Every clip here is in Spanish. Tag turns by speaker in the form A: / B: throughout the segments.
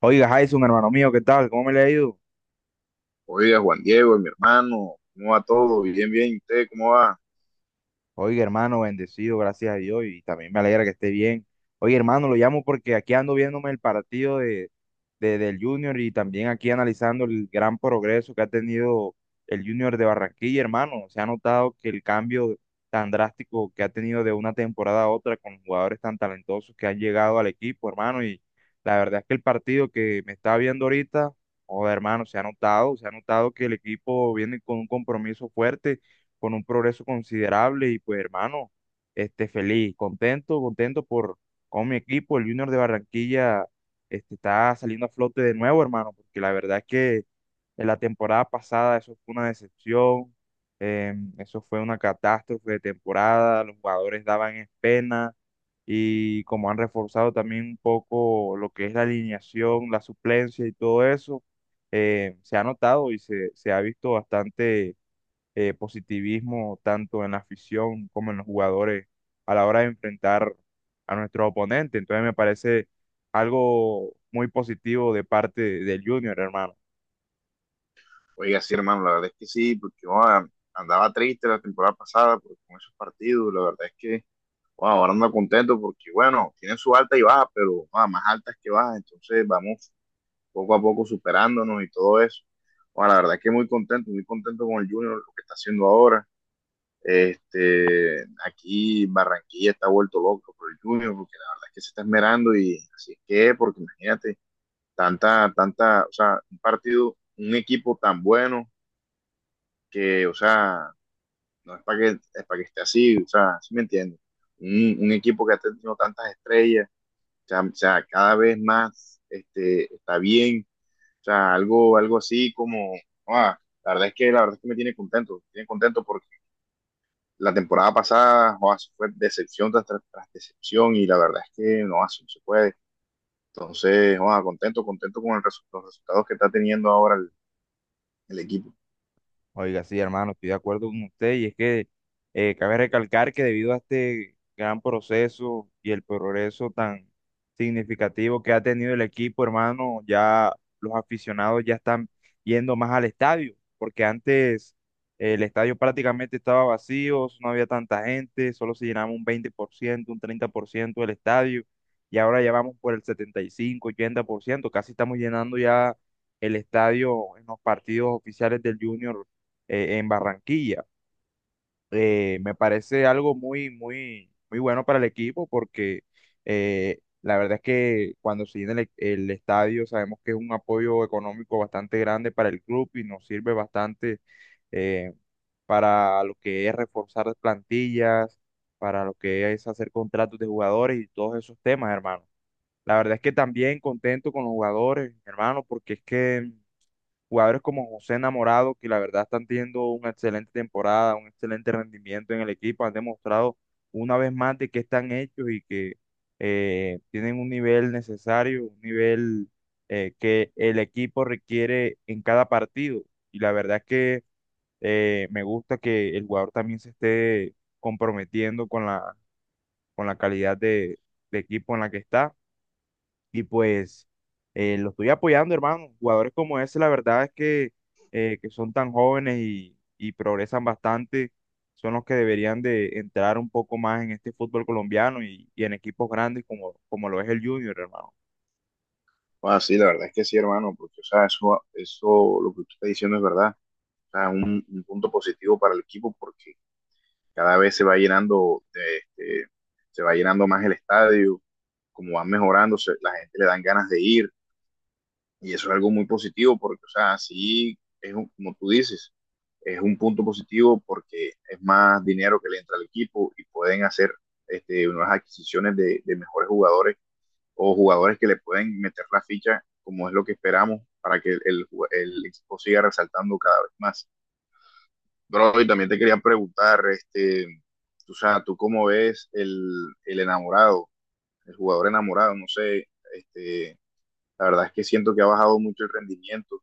A: Oiga, Jason, hermano mío, ¿qué tal? ¿Cómo me le ha ido?
B: Oiga, Juan Diego, mi hermano, ¿cómo va todo? Bien, bien, ¿y usted cómo va?
A: Oiga, hermano, bendecido, gracias a Dios, y también me alegra que esté bien. Oye, hermano, lo llamo porque aquí ando viéndome el partido del Junior y también aquí analizando el gran progreso que ha tenido el Junior de Barranquilla, hermano. Se ha notado que el cambio tan drástico que ha tenido de una temporada a otra con jugadores tan talentosos que han llegado al equipo, hermano. Y la verdad es que el partido que me está viendo ahorita, joder, hermano, se ha notado que el equipo viene con un compromiso fuerte, con un progreso considerable y pues, hermano, feliz, contento, contento por. Con mi equipo, el Junior de Barranquilla está saliendo a flote de nuevo, hermano, porque la verdad es que en la temporada pasada eso fue una decepción, eso fue una catástrofe de temporada, los jugadores daban es pena y como han reforzado también un poco lo que es la alineación, la suplencia y todo eso, se ha notado y se ha visto bastante positivismo tanto en la afición como en los jugadores a la hora de enfrentar a nuestros oponentes. Entonces me parece algo muy positivo de parte del Junior, hermano.
B: Oiga, sí, hermano, la verdad es que sí, porque oa, andaba triste la temporada pasada con esos partidos, la verdad es que oa, ahora ando contento porque, bueno, tienen su alta y baja, pero oa, más altas que bajas, entonces vamos poco a poco superándonos y todo eso. Oa, la verdad es que muy contento con el Junior, lo que está haciendo ahora. Este, aquí Barranquilla está vuelto loco por el Junior, porque la verdad es que se está esmerando y así es que, porque imagínate. Tanta, o sea, un partido, un equipo tan bueno que, o sea, no es para que, es para que esté así, o sea, ¿sí me entiendes? Un equipo que ha tenido tantas estrellas, o sea, cada vez más este, está bien, o sea, algo así como, ah, la verdad es que me tiene contento porque la temporada pasada joa, eso fue decepción tras decepción y la verdad es que no, así no se puede. Entonces, joa, contento, contento con el los resultados que está teniendo ahora el equipo.
A: Oiga, sí, hermano, estoy de acuerdo con usted y es que cabe recalcar que debido a este gran proceso y el progreso tan significativo que ha tenido el equipo, hermano, ya los aficionados ya están yendo más al estadio, porque antes el estadio prácticamente estaba vacío, no había tanta gente, solo se llenaba un 20% un 30% del estadio y ahora ya vamos por el 75 80%, casi estamos llenando ya el estadio en los partidos oficiales del Junior en Barranquilla. Me parece algo muy, muy, muy bueno para el equipo porque la verdad es que cuando se llena el estadio sabemos que es un apoyo económico bastante grande para el club y nos sirve bastante eh, para lo que es reforzar las plantillas, para lo que es hacer contratos de jugadores y todos esos temas, hermano. La verdad es que también contento con los jugadores, hermano, porque es que jugadores como José Enamorado, que la verdad están teniendo una excelente temporada, un excelente rendimiento en el equipo, han demostrado una vez más de que están hechos y que tienen un nivel necesario, un nivel que el equipo requiere en cada partido. Y la verdad es que me gusta que el jugador también se esté comprometiendo con la calidad de equipo en la que está. Y pues lo estoy apoyando, hermano. Jugadores como ese, la verdad es que son tan jóvenes y progresan bastante, son los que deberían de entrar un poco más en este fútbol colombiano y en equipos grandes como lo es el Junior, hermano.
B: Ah, sí, la verdad es que sí, hermano, porque, o sea, eso, lo que tú estás diciendo es verdad. O sea, un punto positivo para el equipo porque cada vez se va llenando, este, se va llenando más el estadio, como van mejorando, se- la gente le dan ganas de ir y eso es algo muy positivo porque, o sea, sí, es como tú dices, es un punto positivo porque es más dinero que le entra al equipo y pueden hacer este, nuevas adquisiciones de mejores jugadores o jugadores que le pueden meter la ficha como es lo que esperamos para que el equipo siga resaltando cada vez más. Bro, y también te quería preguntar, este, tú, o sea, ¿tú cómo ves el enamorado, el jugador enamorado? No sé, este, la verdad es que siento que ha bajado mucho el rendimiento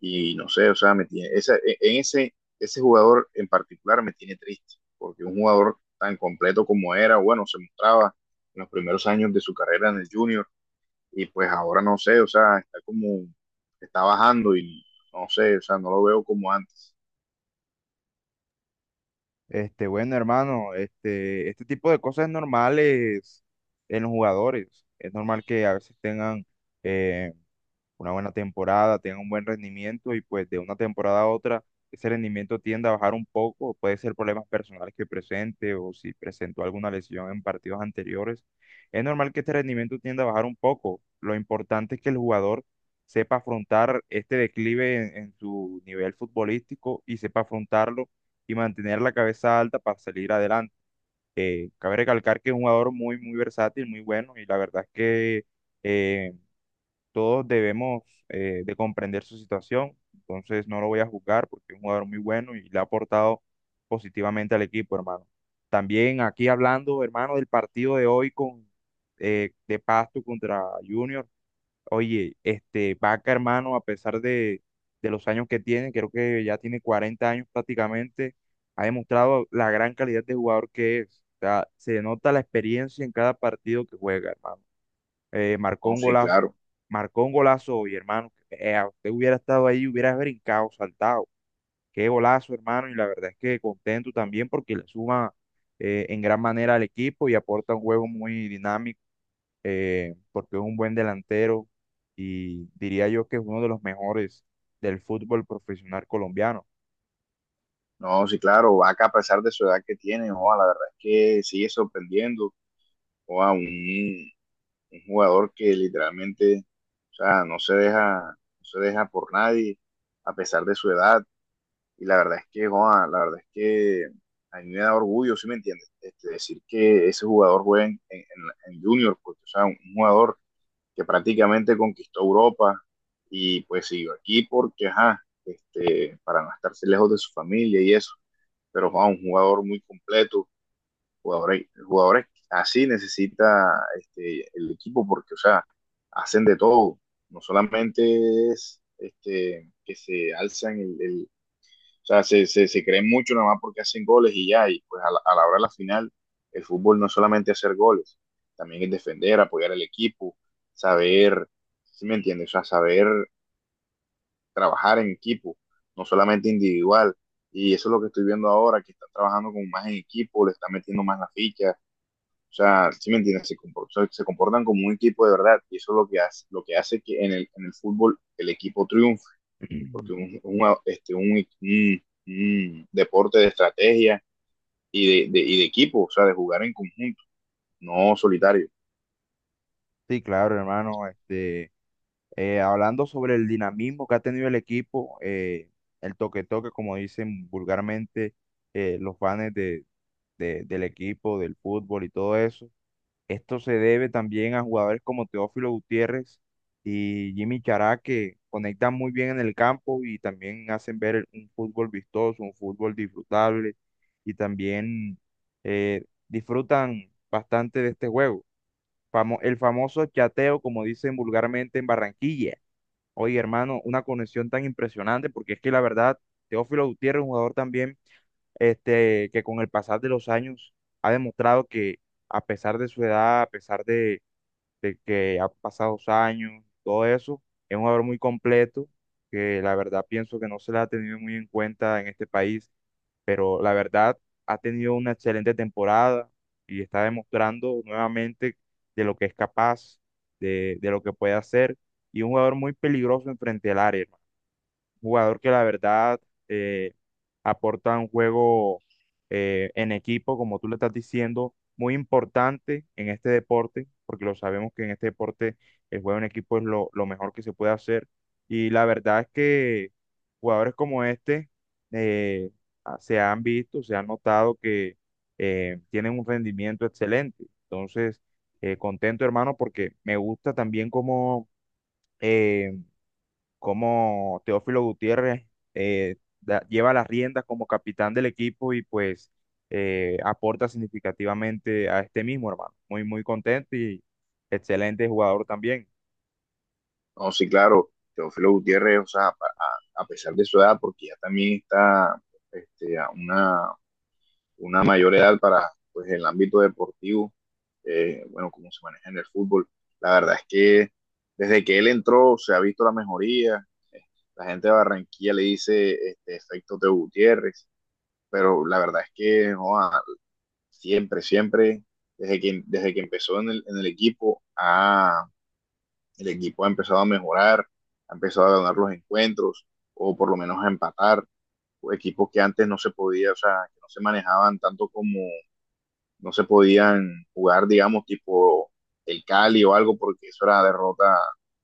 B: y no sé, o sea, me tiene, esa, e, en ese jugador en particular me tiene triste, porque un jugador tan completo como era, bueno, se mostraba en los primeros años de su carrera en el junior, y pues ahora no sé, o sea, está como, está bajando y no sé, o sea, no lo veo como antes.
A: Bueno, hermano, este tipo de cosas es normales en los jugadores. Es normal que a veces tengan una buena temporada, tenga un buen rendimiento y pues de una temporada a otra ese rendimiento tiende a bajar un poco, puede ser problemas personales que presente o si presentó alguna lesión en partidos anteriores, es normal que este rendimiento tienda a bajar un poco. Lo importante es que el jugador sepa afrontar este declive en su nivel futbolístico y sepa afrontarlo y mantener la cabeza alta para salir adelante. Cabe recalcar que es un jugador muy, muy versátil, muy bueno y la verdad es que... eh, todos debemos de comprender su situación. Entonces no lo voy a juzgar porque es un jugador muy bueno y le ha aportado positivamente al equipo, hermano. También aquí hablando, hermano, del partido de hoy con de Pasto contra Junior. Oye, este Vaca, hermano, a pesar de los años que tiene, creo que ya tiene 40 años prácticamente, ha demostrado la gran calidad de jugador que es. O sea, se nota la experiencia en cada partido que juega, hermano, eh, marcó
B: No,
A: un
B: sí,
A: golazo,
B: claro,
A: marcó un golazo y hermano, usted hubiera estado ahí, hubiera brincado, saltado. Qué golazo, hermano, y la verdad es que contento también porque le suma en gran manera al equipo y aporta un juego muy dinámico, porque es un buen delantero y diría yo que es uno de los mejores del fútbol profesional colombiano.
B: no, sí, claro, Vaca a pesar de su edad que tiene, o la verdad es que sigue sorprendiendo, o a un jugador que literalmente, o sea, no se deja por nadie a pesar de su edad. Y la verdad es que, joa, la verdad es que a mí me da orgullo, ¿sí me entiendes? Este, decir que ese jugador juega en Junior, porque, o sea, un jugador que prácticamente conquistó Europa y pues siguió aquí porque, ajá, este, para no estarse lejos de su familia y eso, pero Juan, un jugador muy completo, jugadores así necesita este, el equipo porque, o sea, hacen de todo, no solamente es este, que se alzan el, o sea, se creen mucho nada más porque hacen goles y ya, y pues a a la hora de la final, el fútbol no es solamente hacer goles, también es defender, apoyar al equipo, saber, si ¿sí me entiendes? O sea, saber trabajar en equipo, no solamente individual. Y eso es lo que estoy viendo ahora, que están trabajando como más en equipo, le están metiendo más la ficha, o sea, si ¿sí me entiendes? Se, comportan, se comportan como un equipo de verdad y eso es lo que, hace que en en el fútbol el equipo triunfe porque este, un deporte de estrategia y de equipo, o sea, de jugar en conjunto, no solitario.
A: Sí, claro, hermano. Hablando sobre el dinamismo que ha tenido el equipo, el toque-toque, como dicen vulgarmente los fans del equipo, del fútbol y todo eso, esto se debe también a jugadores como Teófilo Gutiérrez y Jimmy Chará, que conectan muy bien en el campo y también hacen ver un fútbol vistoso, un fútbol disfrutable y también disfrutan bastante de este juego. El famoso chateo, como dicen vulgarmente en Barranquilla. Oye, hermano, una conexión tan impresionante, porque es que la verdad, Teófilo Gutiérrez, un jugador también, que con el pasar de los años ha demostrado que a pesar de su edad, a pesar de que ha pasado los años, todo eso, es un jugador muy completo, que la verdad pienso que no se le ha tenido muy en cuenta en este país, pero la verdad ha tenido una excelente temporada y está demostrando nuevamente de lo que es capaz, de lo que puede hacer, y un jugador muy peligroso enfrente al área, jugador que la verdad eh, aporta un juego en equipo, como tú le estás diciendo, muy importante en este deporte, porque lo sabemos que en este deporte el juego en equipo es lo mejor que se puede hacer. Y la verdad es que jugadores como este eh, se han visto, se han notado que tienen un rendimiento excelente. Entonces, contento, hermano, porque me gusta también como cómo Teófilo Gutiérrez lleva las riendas como capitán del equipo y pues aporta significativamente a este mismo, hermano. Muy, muy contento y excelente jugador también.
B: No, sí, claro, Teófilo Gutiérrez, o sea, a pesar de su edad, porque ya también está este, una mayor edad para pues, el ámbito deportivo, bueno, cómo se maneja en el fútbol, la verdad es que desde que él entró se ha visto la mejoría. La gente de Barranquilla le dice este, efecto de Gutiérrez. Pero la verdad es que joa, siempre, desde que empezó en en el equipo ha empezado a mejorar, ha empezado a ganar los encuentros, o por lo menos a empatar, o equipos que antes no se podía, o sea, que no se manejaban tanto como, no se podían jugar, digamos, tipo el Cali o algo, porque eso era derrota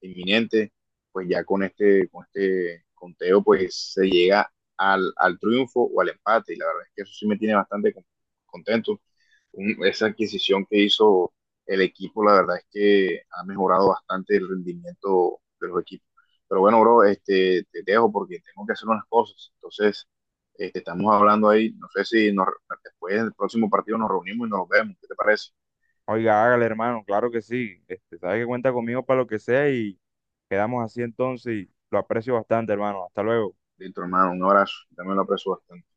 B: inminente, pues ya con este conteo, pues se llega al triunfo o al empate, y la verdad es que eso sí me tiene bastante contento un- esa adquisición que hizo el equipo, la verdad es que ha mejorado bastante el rendimiento de los equipos. Pero bueno, bro, este, te dejo porque tengo que hacer unas cosas. Entonces, este, estamos hablando ahí, no sé si nos, después del próximo partido nos reunimos y nos vemos. ¿Qué te parece?
A: Oiga, hágale, hermano, claro que sí. Sabe que cuenta conmigo para lo que sea y quedamos así entonces, y lo aprecio bastante, hermano. Hasta luego.
B: Listo, hermano, un abrazo. También lo aprecio bastante.